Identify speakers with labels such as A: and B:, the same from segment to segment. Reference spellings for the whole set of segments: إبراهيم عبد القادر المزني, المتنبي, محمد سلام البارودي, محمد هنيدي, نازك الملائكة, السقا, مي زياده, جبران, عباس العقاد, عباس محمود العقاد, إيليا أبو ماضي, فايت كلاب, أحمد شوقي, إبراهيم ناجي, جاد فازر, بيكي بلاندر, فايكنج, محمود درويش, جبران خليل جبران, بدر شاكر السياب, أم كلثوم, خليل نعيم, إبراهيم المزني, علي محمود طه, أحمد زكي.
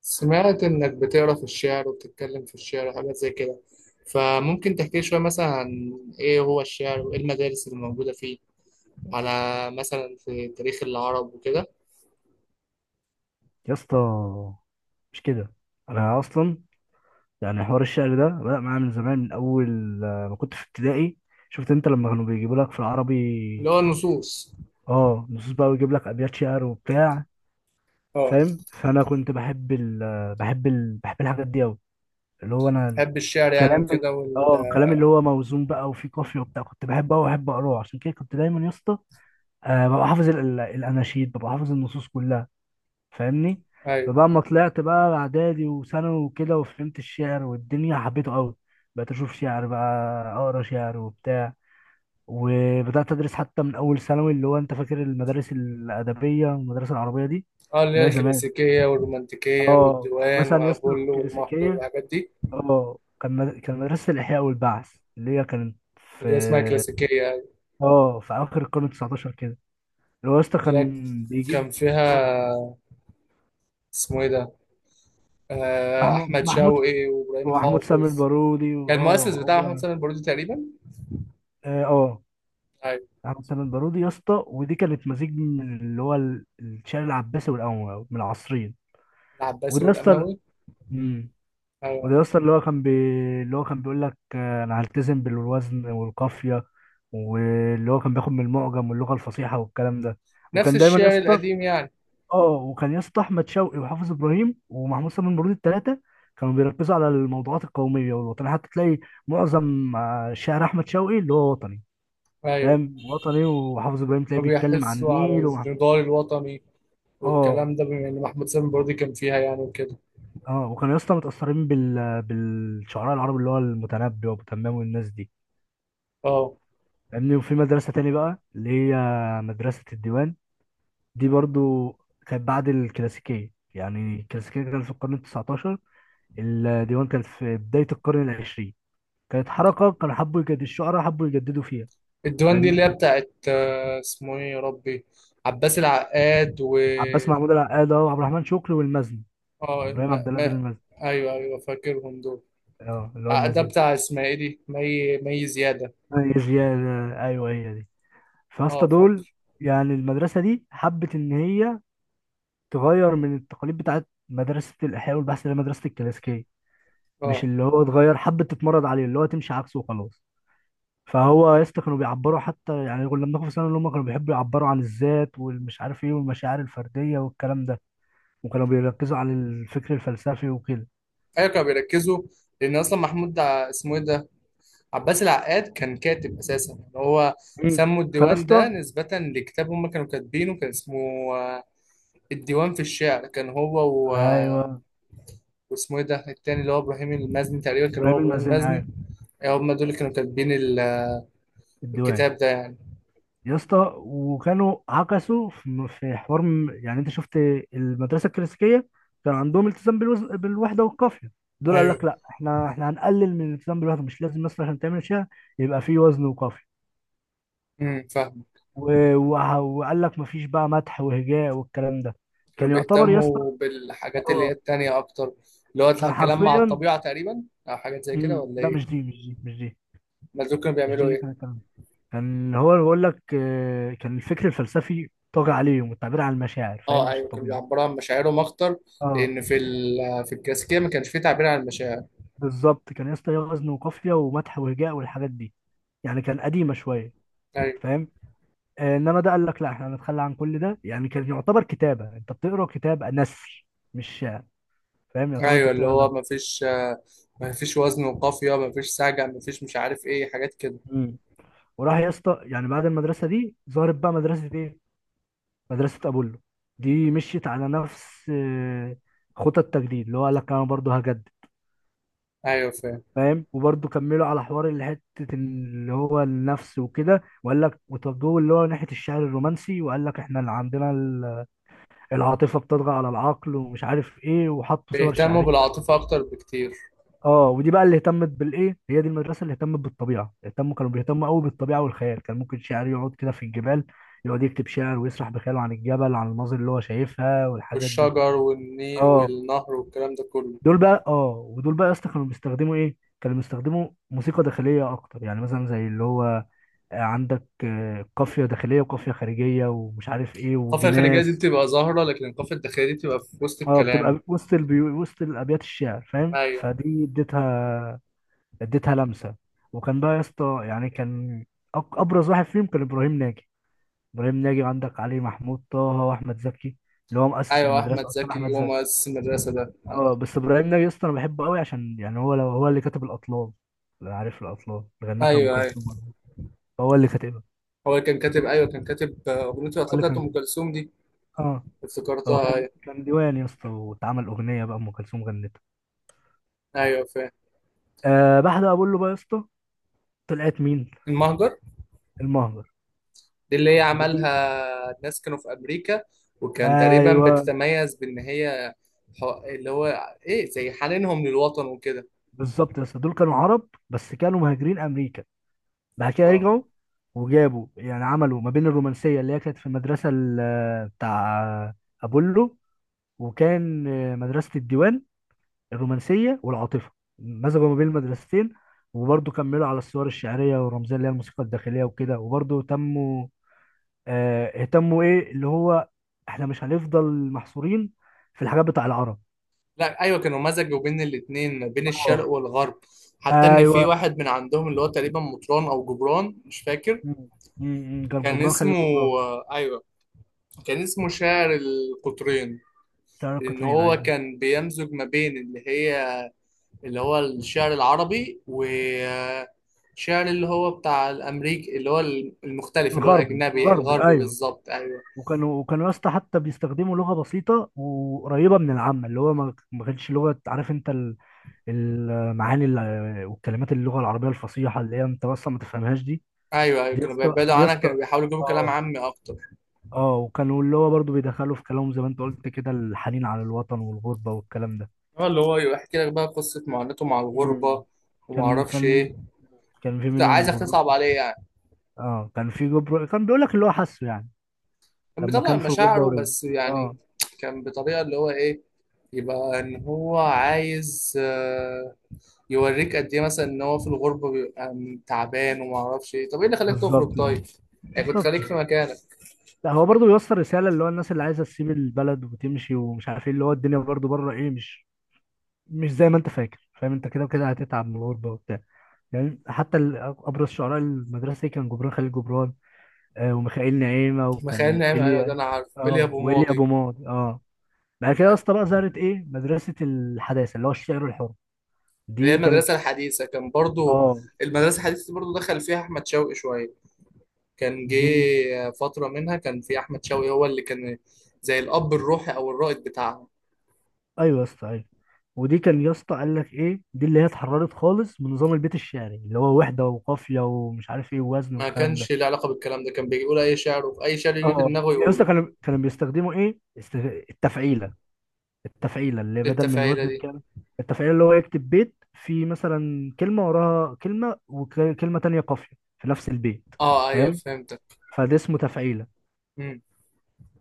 A: سمعت إنك بتقرا في الشعر وبتتكلم في الشعر وحاجات زي كده، فممكن تحكي لي شوية مثلا عن إيه هو الشعر وإيه المدارس اللي موجودة فيه، على مثلا في تاريخ العرب وكده.
B: يا اسطى، مش كده. انا اصلا يعني حوار الشعر ده بدأ معايا من زمان، من اول ما كنت في ابتدائي. شفت انت لما كانوا بيجيبوا لك في
A: اللي
B: العربي؟
A: هو النصوص.
B: اه، نصوص بقى، ويجيب لك ابيات شعر وبتاع،
A: اه،
B: فاهم؟ فانا كنت بحب ال آه، بحب ال بحب الحاجات دي قوي، اللي هو انا
A: بحب الشعر يعني
B: الكلام ال-
A: وكده وال...
B: اه الكلام اللي هو موزون بقى وفيه قافيه وبتاع، كنت بحبه قوي واحب اقراه. عشان كده كنت دايما يا اسطى ببقى حافظ الاناشيد، ببقى حافظ النصوص كلها. فاهمني؟
A: أيوة.
B: فبقى ما طلعت بقى اعدادي وثانوي وكده، وفهمت الشعر والدنيا حبيته قوي. بقيت اشوف شعر بقى، اقرا شعر وبتاع. وبدات ادرس حتى من اول ثانوي. اللي هو انت فاكر المدارس الادبيه والمدارس العربيه دي،
A: اه، اللي
B: اللي
A: هي
B: هي زمان؟
A: الكلاسيكية والرومانتيكية
B: اه كان
A: والديوان
B: مثلا يا اسطى
A: وأبولو والمهجر
B: الكلاسيكيه،
A: والحاجات دي.
B: اه كان مدرسه الاحياء والبعث، اللي هي كانت في،
A: اللي هي اسمها كلاسيكية، أيوة.
B: اه في اخر القرن ال 19 كده. اللي هو يا اسطى
A: اللي
B: كان بيجيب
A: كان
B: اه
A: فيها اسمه إيه ده،
B: محمود
A: أحمد
B: محمود
A: شوقي وإبراهيم
B: ومحمود سامي
A: حافظ.
B: البارودي،
A: كان
B: واه
A: المؤسس بتاعه محمد سلام البارودي تقريبا.
B: اه آه،
A: ايوه،
B: احمد سامي البارودي يا اسطى. ودي كانت مزيج من اللي هو الشعر العباسي والقومي من العصرين.
A: العباسي
B: وده يا اسطى،
A: والاموي.
B: امم
A: ايوه،
B: وده يا اسطى اللي هو كان بيقول لك: انا هلتزم بالوزن والقافيه، واللي هو كان بياخد من المعجم واللغه الفصيحه والكلام ده.
A: نفس
B: وكان دايما يا
A: الشعر
B: اسطى
A: القديم يعني.
B: اه وكان يا اسطى احمد شوقي وحافظ ابراهيم ومحمود سامي البارودي الثلاثه كانوا بيركزوا على الموضوعات القوميه والوطنيه، حتى تلاقي معظم شعر احمد شوقي اللي هو وطني،
A: ايوه،
B: فاهم؟ وطني. وحافظ ابراهيم تلاقيه
A: كانوا
B: بيتكلم عن
A: بيحسوا على
B: النيل ومع...
A: النضال الوطني
B: اه
A: والكلام ده، بما ان محمد سلام البارودي كان فيها يعني وكده.
B: اه وكانوا يا اسطى متأثرين بالشعراء العرب، اللي هو المتنبي وابو تمام والناس دي،
A: اه،
B: فاهمني؟ وفي مدرسة تاني بقى، اللي هي مدرسة الديوان. دي برضو كانت بعد الكلاسيكية. يعني الكلاسيكية كانت في القرن التسعتاشر، الديوان كانت في بداية القرن العشرين. كانت حركة، كانوا حبوا يجددوا، الشعراء حبوا يجددوا فيها،
A: الديوان دي
B: فاهمني؟
A: اللي هي بتاعت اسمه ايه يا ربي، عباس العقاد و...
B: عباس محمود العقاد وعبد الرحمن شكري والمزني،
A: اه،
B: ابراهيم
A: ما...
B: عبد القادر
A: ما...
B: المزني.
A: ايوه ايوه، فاكرهم دول.
B: اه اللي هو
A: ده
B: المزني.
A: بتاع اسمها ايه دي، مي زياده.
B: هي زيادة، أيوه هي دي.
A: اه
B: فاسطى دول،
A: فاكر.
B: يعني المدرسة دي حبت إن هي تغير من التقاليد بتاعت مدرسة الإحياء والبحث، اللي هي مدرسة الكلاسيكية.
A: اه
B: مش اللي هو اتغير، حبت تتمرد عليه، اللي هو تمشي عكسه وخلاص. فهو يا اسطى كانوا بيعبروا، حتى يعني كنا بناخد في ثانوي اللي هم كانوا بيحبوا يعبروا عن الذات والمش عارف ايه والمشاعر الفردية والكلام ده. وكانوا بيركزوا على الفكر الفلسفي وكده.
A: ايوه، كانوا بيركزوا. لان اصلا محمود ده اسمه ايه ده، عباس العقاد كان كاتب اساسا يعني هو.
B: مين؟
A: سموا
B: فيا
A: الديوان ده
B: اسطى،
A: نسبة لكتاب هم كانوا كاتبينه، كان اسمه آه، الديوان في الشعر كان هو، و... آه،
B: ايوه.
A: واسمه ايه ده التاني، اللي هو ابراهيم المزني تقريبا، كان هو
B: ابراهيم
A: ابراهيم
B: المازني، ايوه.
A: المزني. هم دول اللي كانوا كاتبين
B: الديوان.
A: الكتاب ده يعني.
B: يا اسطى وكانوا عكسوا في حوار يعني انت شفت المدرسه الكلاسيكيه، كان عندهم التزام بالوحده والقافيه. دول قال لك:
A: ايوه.
B: لا، احنا هنقلل من الالتزام بالوحده، مش لازم مثلا عشان تعمل شيء يبقى فيه وزن وقافيه.
A: فاهم.
B: و... وقال لك مفيش بقى مدح وهجاء والكلام ده.
A: كانوا
B: كان يعتبر يا اسطى،
A: بيهتموا بالحاجات اللي هي
B: اه
A: التانية اكتر. اللي هو
B: كان
A: الكلام مع
B: حرفيا
A: الطبيعة تقريبا او حاجات زي كده ولا
B: لا،
A: ايه؟
B: مش دي، مش دي، مش دي.
A: ما دول كانوا
B: مش دي
A: بيعملوا
B: اللي كان
A: ايه؟
B: الكلام ده. كان هو بيقول لك: كان الفكر الفلسفي طاغي عليهم والتعبير عن المشاعر، فاهم؟
A: اه
B: مش
A: ايوه، كانوا
B: الطبيعي.
A: بيعبروا عن مشاعرهم اكتر.
B: اه،
A: لان في في الكلاسيكيه ما كانش فيه تعبير عن المشاعر.
B: بالظبط. كان يا اسطى ليه وزن وقافيه ومدح وهجاء والحاجات دي، يعني كان قديمه شويه،
A: ايوه.
B: فاهم؟ انما ده قال لك: لا، احنا هنتخلى عن كل ده. يعني كان يعتبر كتابه، انت بتقرا كتاب نثر مش شعر، فاهم؟ يعتبر انت
A: ايوه اللي
B: بتقرا
A: هو
B: نثر.
A: ما فيش، ما فيش وزن وقافيه، ما فيش سجع، ما فيش مش عارف ايه حاجات كده.
B: مم. وراح يا اسطى يعني بعد المدرسه دي ظهرت بقى مدرسه ايه؟ مدرسه ابولو. دي مشيت على نفس خطى التجديد، اللي هو قال لك: انا برضه هجدد،
A: ايوه فاهم.
B: فاهم؟ وبرضه كملوا على حوار اللي حته، اللي هو النفس وكده، وقال لك وتوجهوا اللي هو ناحيه الشعر الرومانسي، وقال لك: احنا اللي عندنا العاطفه بتطغى على العقل ومش عارف ايه، وحطوا صور
A: بيهتموا
B: شعريه.
A: بالعاطفه اكتر بكتير.
B: اه ودي بقى اللي اهتمت بالايه، هي دي المدرسه اللي اهتمت بالطبيعه، كانوا بيهتموا قوي بالطبيعه والخيال. كان ممكن شاعر يقعد كده في الجبال، يقعد يكتب شعر ويسرح بخياله عن الجبل، عن المناظر اللي هو شايفها والحاجات دي.
A: والشجر والني
B: اه
A: والنهر والكلام ده كله.
B: دول بقى اه ودول بقى يا اسطى كانوا بيستخدموا ايه؟ كانوا بيستخدموا موسيقى داخليه اكتر، يعني مثلا زي اللي هو عندك قافية داخلية وقافية خارجية ومش عارف ايه
A: القافيه الخارجيه دي
B: وجناس.
A: بتبقى ظاهره، لكن القافيه الداخليه دي بتبقى في وسط
B: اه،
A: الكلام.
B: بتبقى وسط وسط الابيات الشعر، فاهم؟
A: ايوه.
B: فدي اديتها، اديتها لمسة. وكان بقى يا اسطى، يعني كان ابرز واحد فيهم كان ابراهيم ناجي. ابراهيم ناجي، وعندك علي محمود طه واحمد زكي، اللي هو مؤسس
A: ايوه، احمد
B: المدرسة اصلا
A: زكي
B: احمد
A: هو
B: زكي.
A: مؤسس المدرسه ده.
B: اه، بس ابراهيم ناجي يا اسطى انا بحبه قوي، عشان يعني هو، لو هو اللي كاتب الاطلال. لو عارف الاطلال اللي غنتها ام
A: ايوه ايوه،
B: كلثوم. هو اللي كاتبها.
A: هو كان كاتب، ايوه كان كاتب اغنيه
B: هو
A: الاطلال
B: اللي
A: بتاعت
B: كان
A: ام كلثوم دي.
B: اه هو
A: افتكرتها
B: كان،
A: أيوة.
B: ديوان يا اسطى، واتعمل اغنيه بقى، ام كلثوم غنتها.
A: ايوه فاهم.
B: بعد ما بقول له بقى يا اسطى، طلعت مين؟
A: المهجر
B: المهجر.
A: دي اللي هي
B: ودي،
A: عملها الناس كانوا في امريكا. وكان تقريبا
B: ايوه.
A: بتتميز بان هي اللي هو ايه، زي حنينهم للوطن وكده.
B: بالظبط يا اسطى، دول كانوا عرب بس كانوا مهاجرين امريكا، بعد كده
A: اه
B: رجعوا. وجابوا يعني عملوا ما بين الرومانسيه اللي هي كانت في المدرسه بتاع ابولو، وكان مدرسه الديوان، الرومانسيه والعاطفه. مزجوا ما بين المدرستين، وبرضه كملوا على الصور الشعريه والرمزيه، اللي هي الموسيقى الداخليه وكده. وبرضه تموا آه، اهتموا ايه، اللي هو: احنا مش هنفضل محصورين في الحاجات بتاع العرب.
A: لا ايوه، كانوا مزجوا بين الاتنين، بين
B: اه
A: الشرق والغرب. حتى ان في
B: ايوه.
A: واحد من عندهم اللي هو تقريبا مطران او جبران مش فاكر
B: مم. مم. كان
A: كان
B: جبران
A: اسمه.
B: خليل جبران،
A: ايوه، كان اسمه شاعر القطرين.
B: بتاع
A: لان
B: القطرين
A: هو
B: ايوه.
A: كان بيمزج ما بين اللي هي، اللي هو الشعر العربي وشعر اللي هو بتاع الأمريكي، اللي هو المختلف، اللي هو
B: الغربي،
A: الأجنبي
B: الغربي
A: الغربي
B: ايوه.
A: بالظبط، أيوه.
B: وكانوا يا اسطى حتى بيستخدموا لغه بسيطه وقريبه من العامه، اللي هو ما كانتش لغه، عارف انت المعاني والكلمات اللغه العربيه الفصيحه اللي هي انت اصلا ما تفهمهاش دي.
A: أيوه أيوه، كانوا بيبعدوا
B: دي يا
A: عنك، كانوا
B: اسطى،
A: بيحاولوا يجيبوا كلام
B: اه
A: عامي أكتر.
B: اه وكانوا اللي هو برضو بيدخلوا في كلامهم زي ما انت قلت كده: الحنين على الوطن والغربة والكلام ده.
A: هو اللي هو يحكي لك بقى قصة معاناته مع
B: مم.
A: الغربة وما
B: كان
A: أعرفش
B: كان
A: إيه.
B: كان في منهم
A: عايزك
B: جبران.
A: تصعب عليه يعني.
B: اه كان في جبران كان بيقول لك اللي هو حاسه، يعني
A: كان
B: لما
A: بيطلع
B: كان في الغربة
A: مشاعره
B: ورجع.
A: بس يعني.
B: اه،
A: كان بطريقة اللي هو إيه، يبقى إن هو عايز يوريك قد ايه مثلا ان هو في الغربه بيبقى تعبان وما اعرفش ايه، طب ايه اللي خلاك
B: بالظبط
A: تخرج
B: كده.
A: طيب، يعني كنت
B: بالظبط
A: خليك في
B: كده.
A: مكانك.
B: لا، هو برضو بيوصل رسالة، اللي هو الناس اللي عايزة تسيب البلد وتمشي ومش عارف ايه، اللي هو الدنيا برضو بره ايه، مش زي ما انت فاكر، فاهم؟ انت كده وكده هتتعب من الغربة وبتاع. يعني حتى ابرز شعراء المدرسة دي كان جبران خليل جبران، وميخائيل نعيمة،
A: مخيل
B: وكان
A: نعيم، ايوه ده
B: إيليا.
A: انا عارفه، ايليا
B: اه
A: ابو
B: وإيليا
A: ماضي.
B: أبو ماضي. اه بعد كده يا
A: آه،
B: اسطى بقى ظهرت ايه؟ مدرسة الحداثة، اللي هو الشعر الحر.
A: اللي هي
B: دي كانت،
A: المدرسه الحديثه كان برضو.
B: اه،
A: المدرسه الحديثه دي برضو دخل فيها احمد شوقي شويه. كان
B: دي،
A: جه فتره منها، كان في احمد شوقي هو اللي كان زي الاب الروحي او الرائد بتاعها.
B: ايوه يا اسطى، ايوه. ودي كان يا اسطى قال لك ايه: دي اللي هي اتحررت خالص من نظام البيت الشعري، اللي هو وحدة وقافية ومش عارف ايه ووزن
A: ما
B: والكلام ده.
A: كانش له علاقه بالكلام ده، كان بيجي يقول اي شعر، وفي اي شعر يجي في
B: اه،
A: دماغه
B: يا اسطى
A: يقوله.
B: كانوا بيستخدموا ايه؟ التفعيلة. التفعيلة اللي
A: إيه
B: بدل من
A: التفاهيله
B: وزن
A: دي؟
B: الكلمة. التفعيلة اللي هو يكتب بيت، في مثلا كلمة وراها كلمة وكلمة تانية قافية في نفس البيت،
A: اه ايوه
B: فاهم؟
A: فهمتك.
B: فده اسمه تفعيلة.
A: امم.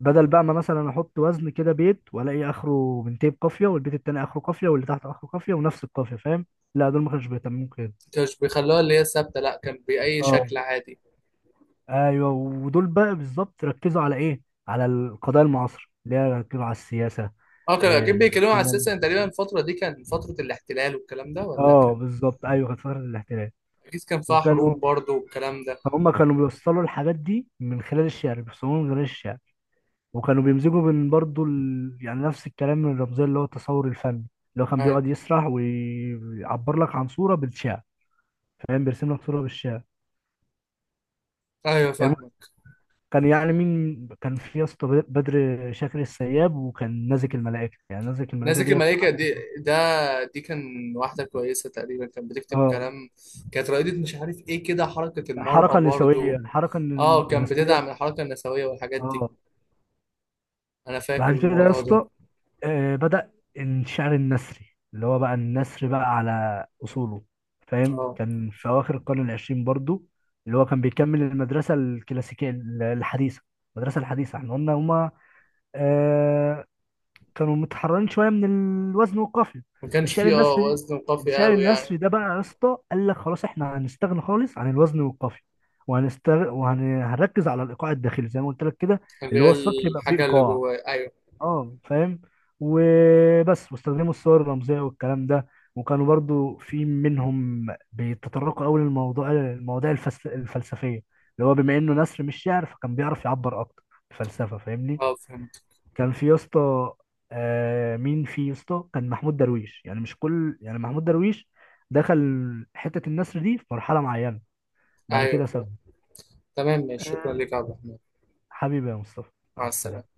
B: بدل بقى ما مثلا احط وزن كده، بيت والاقي اخره بنتين قافية، والبيت التاني اخره قافية، واللي تحت اخره قافية، ونفس القافية، فاهم؟ لا، دول ما كانوش بيهتموا كده.
A: كانش بيخلوها اللي هي ثابته، لا كان باي
B: اه
A: شكل عادي.
B: ايوه. ودول بقى بالظبط ركزوا على ايه؟ على القضايا المعاصرة اللي هي ركزوا على السياسة.
A: اه كانوا
B: آه،
A: اكيد بيتكلموا على اساس
B: الدنيا-
A: ان تقريبا الفتره دي كان فتره الاحتلال والكلام ده، ولا
B: اه
A: كان؟
B: بالظبط، ايوه. كانت فترة الاحتلال،
A: اكيد كان فيها
B: وكانوا
A: حروب برضه والكلام ده.
B: فهم كانوا بيوصلوا الحاجات دي من خلال الشعر، بيوصلوها من خلال الشعر. وكانوا بيمزجوا بين برضو يعني نفس الكلام من الرمزية، اللي هو التصور الفني، اللي هو كان
A: ايوه.
B: بيقعد يسرح ويعبر لك عن صورة بالشعر، فاهم؟ بيرسم لك صورة بالشعر.
A: ايوه
B: الم...
A: فاهمك.
B: كان يعني مين كان في يا اسطى؟ بدر شاكر السياب، وكان نازك الملائكة. يعني نازك الملائكة
A: نازك
B: دي بصراحة،
A: الملائكه دي ده، دي كان، واحده كويسه تقريبا كانت بتكتب
B: اه،
A: كلام. كانت رائده مش عارف ايه كده، حركه المراه
B: حركة نسوية
A: برضه.
B: الحركة
A: اه كان
B: النسوية.
A: بتدعم الحركه النسويه والحاجات دي.
B: اه
A: انا فاكر
B: بعد كده يا
A: الموضوع ده.
B: اسطى بدأ الشعر النثري، اللي هو بقى النثر بقى على أصوله، فاهم؟
A: اه
B: كان في أواخر القرن العشرين برضو، اللي هو كان بيكمل المدرسة الكلاسيكية الحديثة. المدرسة الحديثة احنا قلنا هما آه كانوا متحررين شوية من الوزن والقافية.
A: ما كانش
B: الشعر
A: فيه اه
B: النثري
A: وزن قافي
B: الشعر
A: قوي يعني.
B: النثري ده بقى يا اسطى قال لك: خلاص احنا هنستغنى خالص عن الوزن والقافية، وهنركز على الإيقاع الداخلي زي ما قلت لك كده،
A: اللي
B: اللي
A: هي
B: هو السطر يبقى فيه
A: الحاجه اللي
B: إيقاع.
A: جواه، ايوه.
B: اه فاهم؟ وبس. واستخدموا الصور الرمزيه والكلام ده، وكانوا برضو في منهم بيتطرقوا قوي المواضيع الفلسفيه، اللي هو بما انه نثر مش شعر فكان بيعرف يعبر اكتر بفلسفه، فاهمني؟
A: اه فهمت.
B: كان في يا اسطى آه مين في يا اسطى؟ كان محمود درويش. يعني مش كل يعني محمود درويش دخل حته النثر دي في مرحله معينه، بعد
A: ايوه
B: كده
A: فهمت.
B: سابها.
A: تمام ماشي، شكرا
B: آه
A: لك يا عبد الرحمن.
B: حبيبي يا مصطفى، مع
A: مع
B: السلامه.
A: السلامه.